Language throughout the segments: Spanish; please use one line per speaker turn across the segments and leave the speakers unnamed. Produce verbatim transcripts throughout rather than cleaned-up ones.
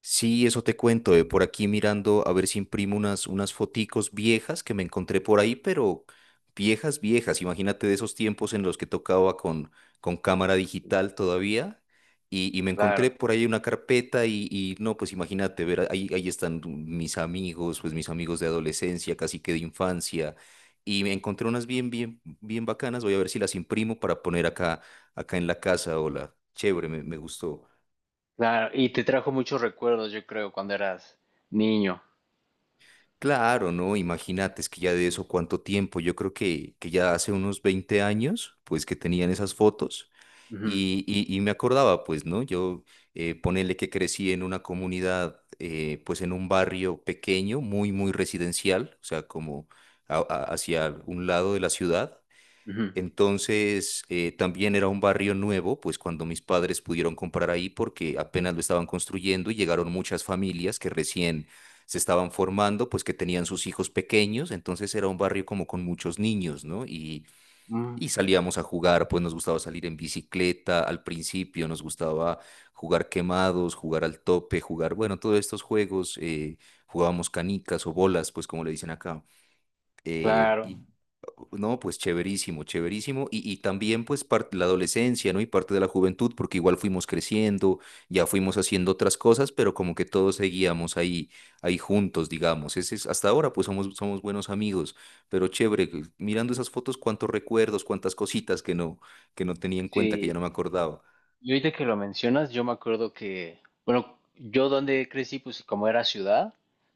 Sí, eso te cuento, eh, por aquí mirando a ver si imprimo unas, unas foticos viejas que me encontré por ahí, pero viejas, viejas. Imagínate de esos tiempos en los que tocaba con, con cámara digital todavía. Y, y me encontré
Claro,
por ahí una carpeta y, y no, pues imagínate, ver, ahí, ahí están mis amigos, pues mis amigos de adolescencia, casi que de infancia. Y me encontré unas bien, bien, bien bacanas. Voy a ver si las imprimo para poner acá, acá en la casa. Hola, chévere, me, me gustó.
claro. Y te trajo muchos recuerdos, yo creo, cuando eras niño.
Claro, no, imagínate, es que ya de eso cuánto tiempo, yo creo que, que ya hace unos veinte años, pues que tenían esas fotos
Ujú,
y, y- y me acordaba, pues, ¿no? Yo eh, ponele que crecí en una comunidad, eh, pues en un barrio pequeño, muy, muy residencial, o sea, como a- a- hacia un lado de la ciudad.
ujú.
Entonces, eh, también era un barrio nuevo, pues cuando mis padres pudieron comprar ahí porque apenas lo estaban construyendo y llegaron muchas familias que recién se estaban formando, pues que tenían sus hijos pequeños, entonces era un barrio como con muchos niños, ¿no? Y,
Mm,
y salíamos a jugar, pues nos gustaba salir en bicicleta al principio, nos gustaba jugar quemados, jugar al tope, jugar, bueno, todos estos juegos, eh, jugábamos canicas o bolas, pues como le dicen acá. Eh,
claro,
y uh, no, pues chéverísimo, chéverísimo. Y, y también pues parte la adolescencia, ¿no? Y parte de la juventud, porque igual fuimos creciendo, ya fuimos haciendo otras cosas, pero como que todos seguíamos ahí, ahí juntos, digamos. Ese es, hasta ahora pues somos, somos buenos amigos, pero chévere, que- mirando esas fotos, cuántos recuerdos, cuántas cositas que no, que no tenía en cuenta, que ya no
sí.
me acordaba.
Y ahorita que lo mencionas, yo me acuerdo que, bueno, yo donde crecí, pues como era ciudad,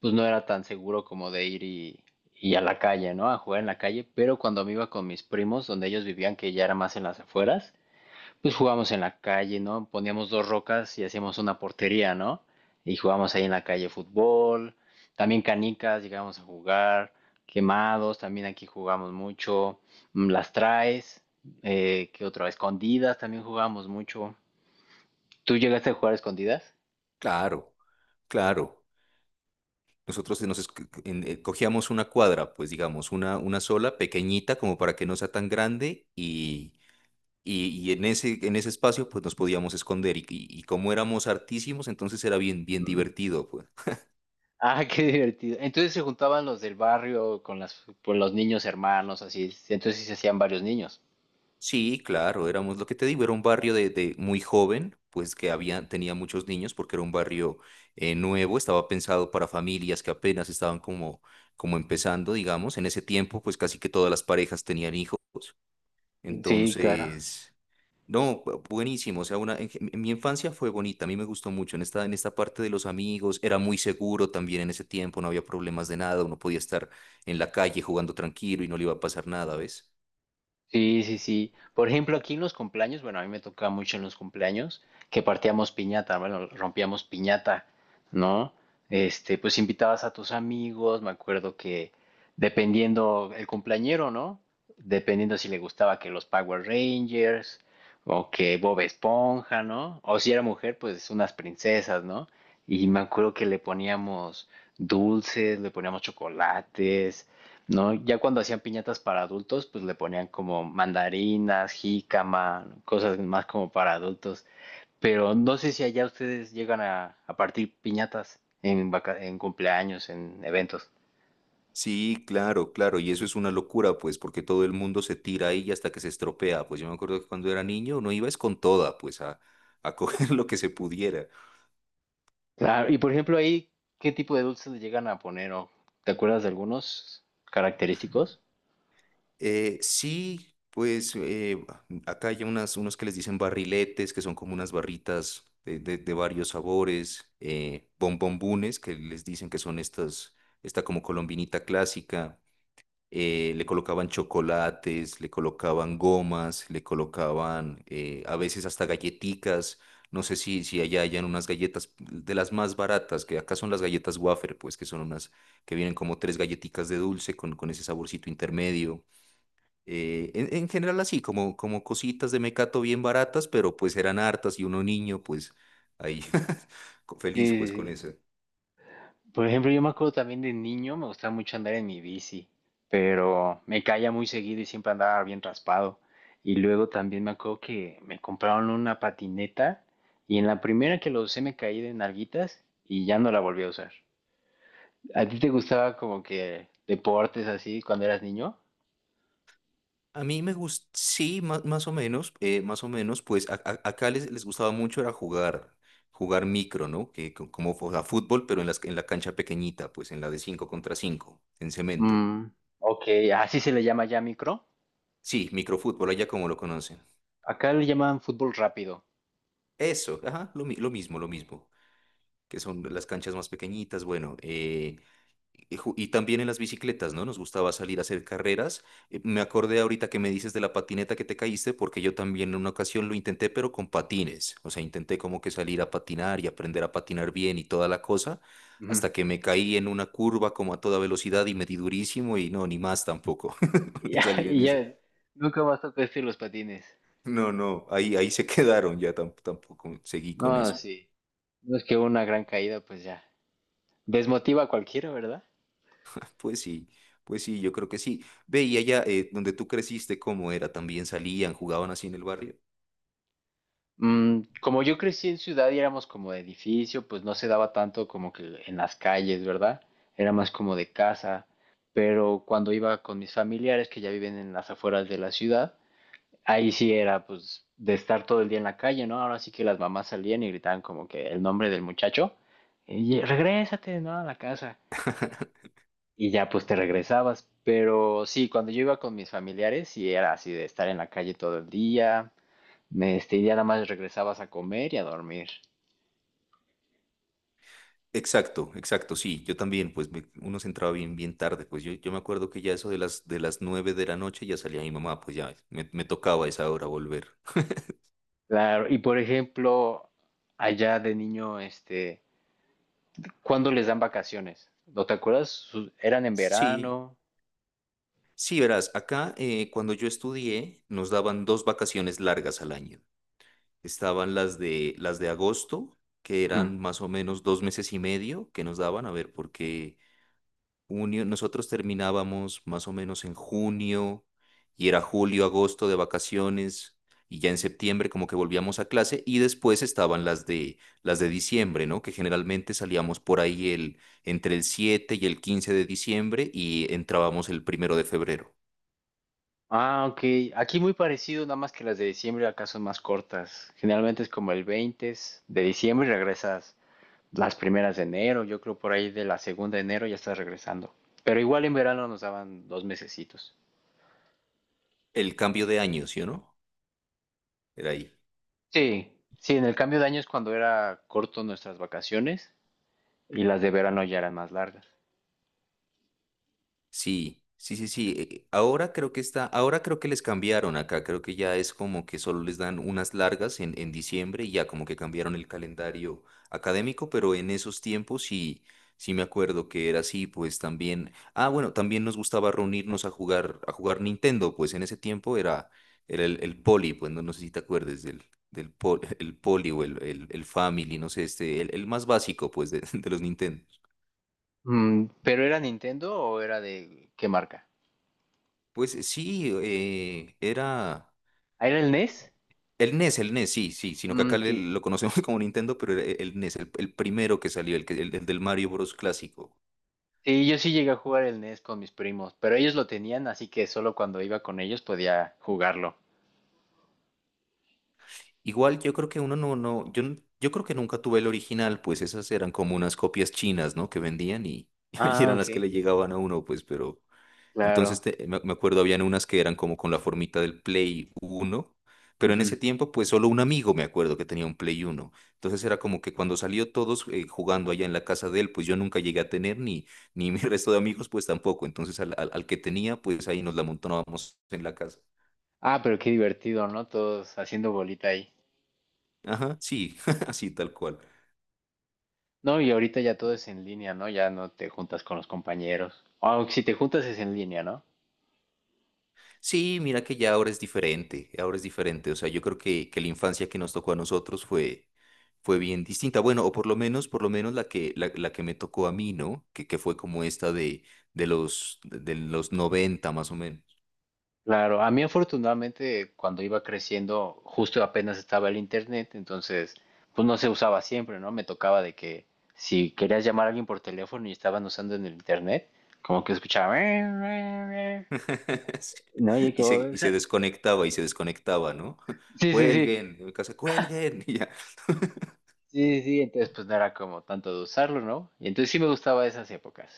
pues no era tan seguro como de ir y, y a la calle, ¿no? A jugar en la calle, pero cuando me iba con mis primos, donde ellos vivían, que ya era más en las afueras, pues jugábamos en la calle, ¿no? Poníamos dos rocas y hacíamos una portería, ¿no? Y jugábamos ahí en la calle fútbol, también canicas, llegábamos a jugar quemados, también aquí jugamos mucho, mm, las traes, eh, ¿qué otra? Escondidas también jugábamos mucho. ¿Tú llegaste a jugar escondidas?
Claro, claro. Nosotros nos esco- en- eh, cogíamos una cuadra, pues digamos, una, una sola, pequeñita, como para que no sea tan grande, y, Y, y en ese, en ese espacio pues nos podíamos esconder y, y- y como éramos artísimos, entonces era bien, bien
Mm.
divertido, pues.
Ah, qué divertido. Entonces se juntaban los del barrio con las, con los niños hermanos, así. Entonces sí se hacían varios niños.
Sí, claro, éramos lo que te digo, era un barrio de, de muy joven, pues que había, tenía muchos niños porque era un barrio eh, nuevo, estaba pensado para familias que apenas estaban como, como empezando, digamos. En ese tiempo pues casi que todas las parejas tenían hijos,
Sí, claro.
entonces... No, bu- buenísimo. O sea, una, en, en mi infancia fue bonita, a mí me gustó mucho. En esta, en esta parte de los amigos, era muy seguro también en ese tiempo, no había problemas de nada, uno podía estar en la calle jugando tranquilo y no le iba a pasar nada, ¿ves?
Sí, sí, sí. Por ejemplo, aquí en los cumpleaños, bueno, a mí me tocaba mucho en los cumpleaños que partíamos piñata, bueno, rompíamos piñata, ¿no? Este, pues invitabas a tus amigos, me acuerdo que dependiendo el cumpleañero, ¿no? Dependiendo si le gustaba que los Power Rangers o que Bob Esponja, ¿no? O si era mujer, pues unas princesas, ¿no? Y me acuerdo que le poníamos dulces, le poníamos chocolates, ¿no? Ya cuando hacían piñatas para adultos, pues le ponían como mandarinas, jícama, cosas más como para adultos. Pero no sé si allá ustedes llegan a, a partir piñatas en, vaca- en cumpleaños, en eventos.
Sí, claro, claro, y eso es una locura, pues, porque todo el mundo se tira ahí hasta que se estropea. Pues yo me acuerdo que cuando era niño uno iba es con toda, pues, a, a coger lo que se pudiera.
Claro, y por ejemplo ahí, ¿qué tipo de dulces le llegan a poner? ¿O te acuerdas de algunos característicos?
Eh, sí, pues eh, acá hay unas, unos que les dicen barriletes, que son como unas barritas de, de- de varios sabores, eh, bombombunes, que les dicen que son estas, esta como colombinita clásica. eh, le colocaban chocolates, le colocaban gomas, le colocaban eh, a veces hasta galleticas. No sé si, si allá hayan unas galletas de las más baratas, que acá son las galletas wafer, pues que son unas que vienen como tres galletitas de dulce con, con ese saborcito intermedio. Eh, en, en general así, como, como cositas de mecato bien baratas, pero pues eran hartas y uno niño, pues ahí co-
Sí,
feliz
sí,
pues con
sí.
eso.
Por ejemplo, yo me acuerdo también de niño, me gustaba mucho andar en mi bici, pero me caía muy seguido y siempre andaba bien raspado. Y luego también me acuerdo que me compraron una patineta y en la primera que lo usé me caí de nalguitas y ya no la volví a usar. ¿A ti te gustaba como que deportes así cuando eras niño?
A mí me gusta, sí, más más, o menos, eh, más o menos, pues a- a- acá les, les gustaba mucho era jugar, jugar, micro, ¿no? Que co- como, o sea, fútbol, pero en las- en la cancha pequeñita, pues en la de cinco contra cinco en cemento.
Mm, ok, así se le llama ya micro.
Sí, microfútbol, allá como lo conocen.
Acá le llaman fútbol rápido.
Eso, ajá, lo, mi- lo mismo, lo mismo, que son las canchas más pequeñitas, bueno, eh, Y ju- y también en las bicicletas, ¿no? Nos gustaba salir a hacer carreras. Eh, Me acordé ahorita que me dices de la patineta que te caíste, porque yo también en una ocasión lo intenté, pero con patines. O sea, intenté como que salir a patinar y aprender a patinar bien y toda la cosa,
Ujú.
hasta que me caí en una curva como a toda velocidad y me di durísimo y no, ni más tampoco. Voy
Y
a
ya,
salir en
y
eso.
ya nunca más tocaste los patines.
No, no, ahí, ahí se quedaron, ya tam- tampoco seguí con
No,
eso.
sí. No es que una gran caída, pues ya. Desmotiva a cualquiera, ¿verdad?
Pues sí, pues sí, yo creo que sí. Ve, y allá eh, donde tú creciste, ¿cómo era? ¿También salían, jugaban así en el barrio?
Mm, como yo crecí en ciudad y éramos como de edificio, pues no se daba tanto como que en las calles, ¿verdad? Era más como de casa. Pero cuando iba con mis familiares que ya viven en las afueras de la ciudad, ahí sí era pues de estar todo el día en la calle, ¿no? Ahora sí que las mamás salían y gritaban como que el nombre del muchaye, regrésate, ¿no? A la casa. Y ya pues te regresabas. Pero sí, cuando yo iba con mis familiares, sí era así de estar en la calle todo el día, me, este, y ya nada más regresabas a comer y a dormir.
Exacto, exacto, sí, yo también, pues me- uno se entraba bien, bien tarde, pues yo, yo me acuerdo que ya eso de las, de las nueve de la noche ya salía mi mamá, pues ya me, me tocaba a esa hora volver.
Claro, y por ejemplo, allá de niño, este, ¿cuándo les dan vacaciones? ¿No te acuerdas? Su- ¿Eran en
Sí,
verano?
sí, verás, acá eh, cuando yo estudié nos daban dos vacaciones largas al año. Estaban las de, las de agosto, que
Ujú.
eran más o menos dos meses y medio que nos daban, a ver, porque junio, nosotros terminábamos más o menos en junio y era julio, agosto de vacaciones y ya en septiembre como que volvíamos a clase y después estaban las de las de diciembre, ¿no? Que generalmente salíamos por ahí el entre el siete y el quince de diciembre y entrábamos el primero de febrero.
Ah, ok. Aquí muy parecido, nada más que las de diciembre acá son más cortas. Generalmente es como el veinte de diciembre y regresas las primeras de enero, yo creo por ahí de la segunda de enero ya estás regresando. Pero igual en verano nos daban dos mesecitos.
El cambio de año, ¿sí o no? Era ahí.
Sí, sí, en el cambio de año es cuando era corto nuestras vacaciones y las de verano ya eran más largas.
Sí, sí, sí, sí. eh, Ahora creo que está, ahora creo que les cambiaron acá. Creo que ya es como que solo les dan unas largas en, en diciembre y ya como que cambiaron el calendario académico, pero en esos tiempos sí, sí me acuerdo que era así, pues también. Ah, bueno, también nos gustaba reunirnos a jugar, a jugar, Nintendo, pues en ese tiempo era, era el, el poli, pues no, no sé si te acuerdes del, del pol- el poli o el, el, el family, no sé, este, el, el más básico, pues, de, de los Nintendo.
Mm, ¿pero era Nintendo o era de qué marca?
Pues sí, eh, era.
¿Ah, ¿era el N E S?
El N E S, el N E S, sí, sí, sino que
Mm,
acá le-
sí.
lo conocemos como Nintendo, pero el, el N E S, el, el primero que salió, el, que- el- el del Mario Bros. Clásico.
Sí, yo sí llegué a jugar el N E S con mis primos, pero ellos lo tenían, así que solo cuando iba con ellos podía jugarlo.
Igual yo creo que uno no, no, yo, n- yo creo que nunca tuve el original, pues esas eran como unas copias chinas, ¿no? Que vendían y, y
Ah,
eran las que
ok.
le llegaban a uno, pues, pero entonces,
Claro.
te- me me acuerdo, habían unas que eran como con la formita del Play uno, pero en ese
Ujú.
tiempo, pues solo un amigo me acuerdo que tenía un Play uno. Entonces era como que cuando salió todos eh, jugando allá en la casa de él, pues yo nunca llegué a tener, ni, ni mi resto de amigos, pues tampoco. Entonces al, al- al que tenía, pues ahí nos la montábamos en la casa.
Ah, pero qué divertido, ¿no? Todos haciendo bolita ahí.
Ajá, sí, así tal cual.
No, y ahorita ya todo es en línea, ¿no? Ya no te juntas con los compañeros. Aunque si te juntas es en línea, ¿no?
Sí, mira que ya ahora es diferente, ahora es diferente. O sea, yo creo que, que la infancia que nos tocó a nosotros fue, fue bien distinta. Bueno, o por lo menos, por lo menos la que, la, la que me tocó a mí, ¿no? Que, que fue como esta de, de los, de los noventa más o menos.
Claro, a mí afortunadamente cuando iba creciendo justo apenas estaba el internet, entonces pues no se usaba siempre, ¿no? Me tocaba de que si querías llamar a alguien por teléfono y estaban usando en el internet, como que escuchaba...
Sí.
No, y
Y se,
como...
y se desconectaba, y se desconectaba, ¿no?
Sí, sí, sí,
Cuelguen, en mi casa, cuelguen. Y ya.
sí, sí, entonces pues no era como tanto de usarlo, ¿no? Y entonces sí me gustaba esas épocas.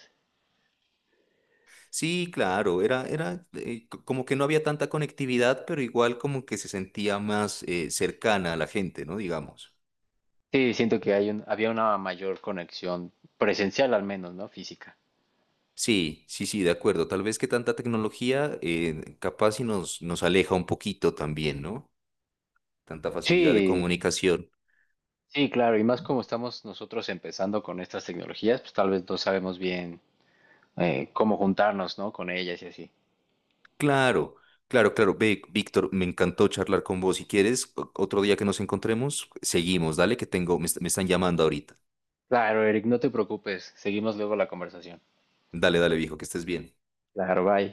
Sí, claro, era, era eh, c- como que no había tanta conectividad, pero igual como que se sentía más eh, cercana a la gente, ¿no? Digamos.
Sí, siento que hay un, había una mayor conexión presencial al menos, ¿no? Física.
Sí, sí, sí, de acuerdo. Tal vez que tanta tecnología eh, capaz y nos, nos aleja un poquito también, ¿no? Tanta facilidad de
Sí,
comunicación.
sí, claro. Y más como estamos nosotros empezando con estas tecnologías, pues tal vez no sabemos bien eh, cómo juntarnos, ¿no? Con ellas y así.
Claro, claro, claro. Ve, Víctor, me encantó charlar con vos. Si quieres, o- otro día que nos encontremos, seguimos. Dale, que tengo, me, est- me están llamando ahorita.
Claro, Eric, no te preocupes. Seguimos luego la conversación.
Dale, dale, viejo, que estés bien.
Claro, bye.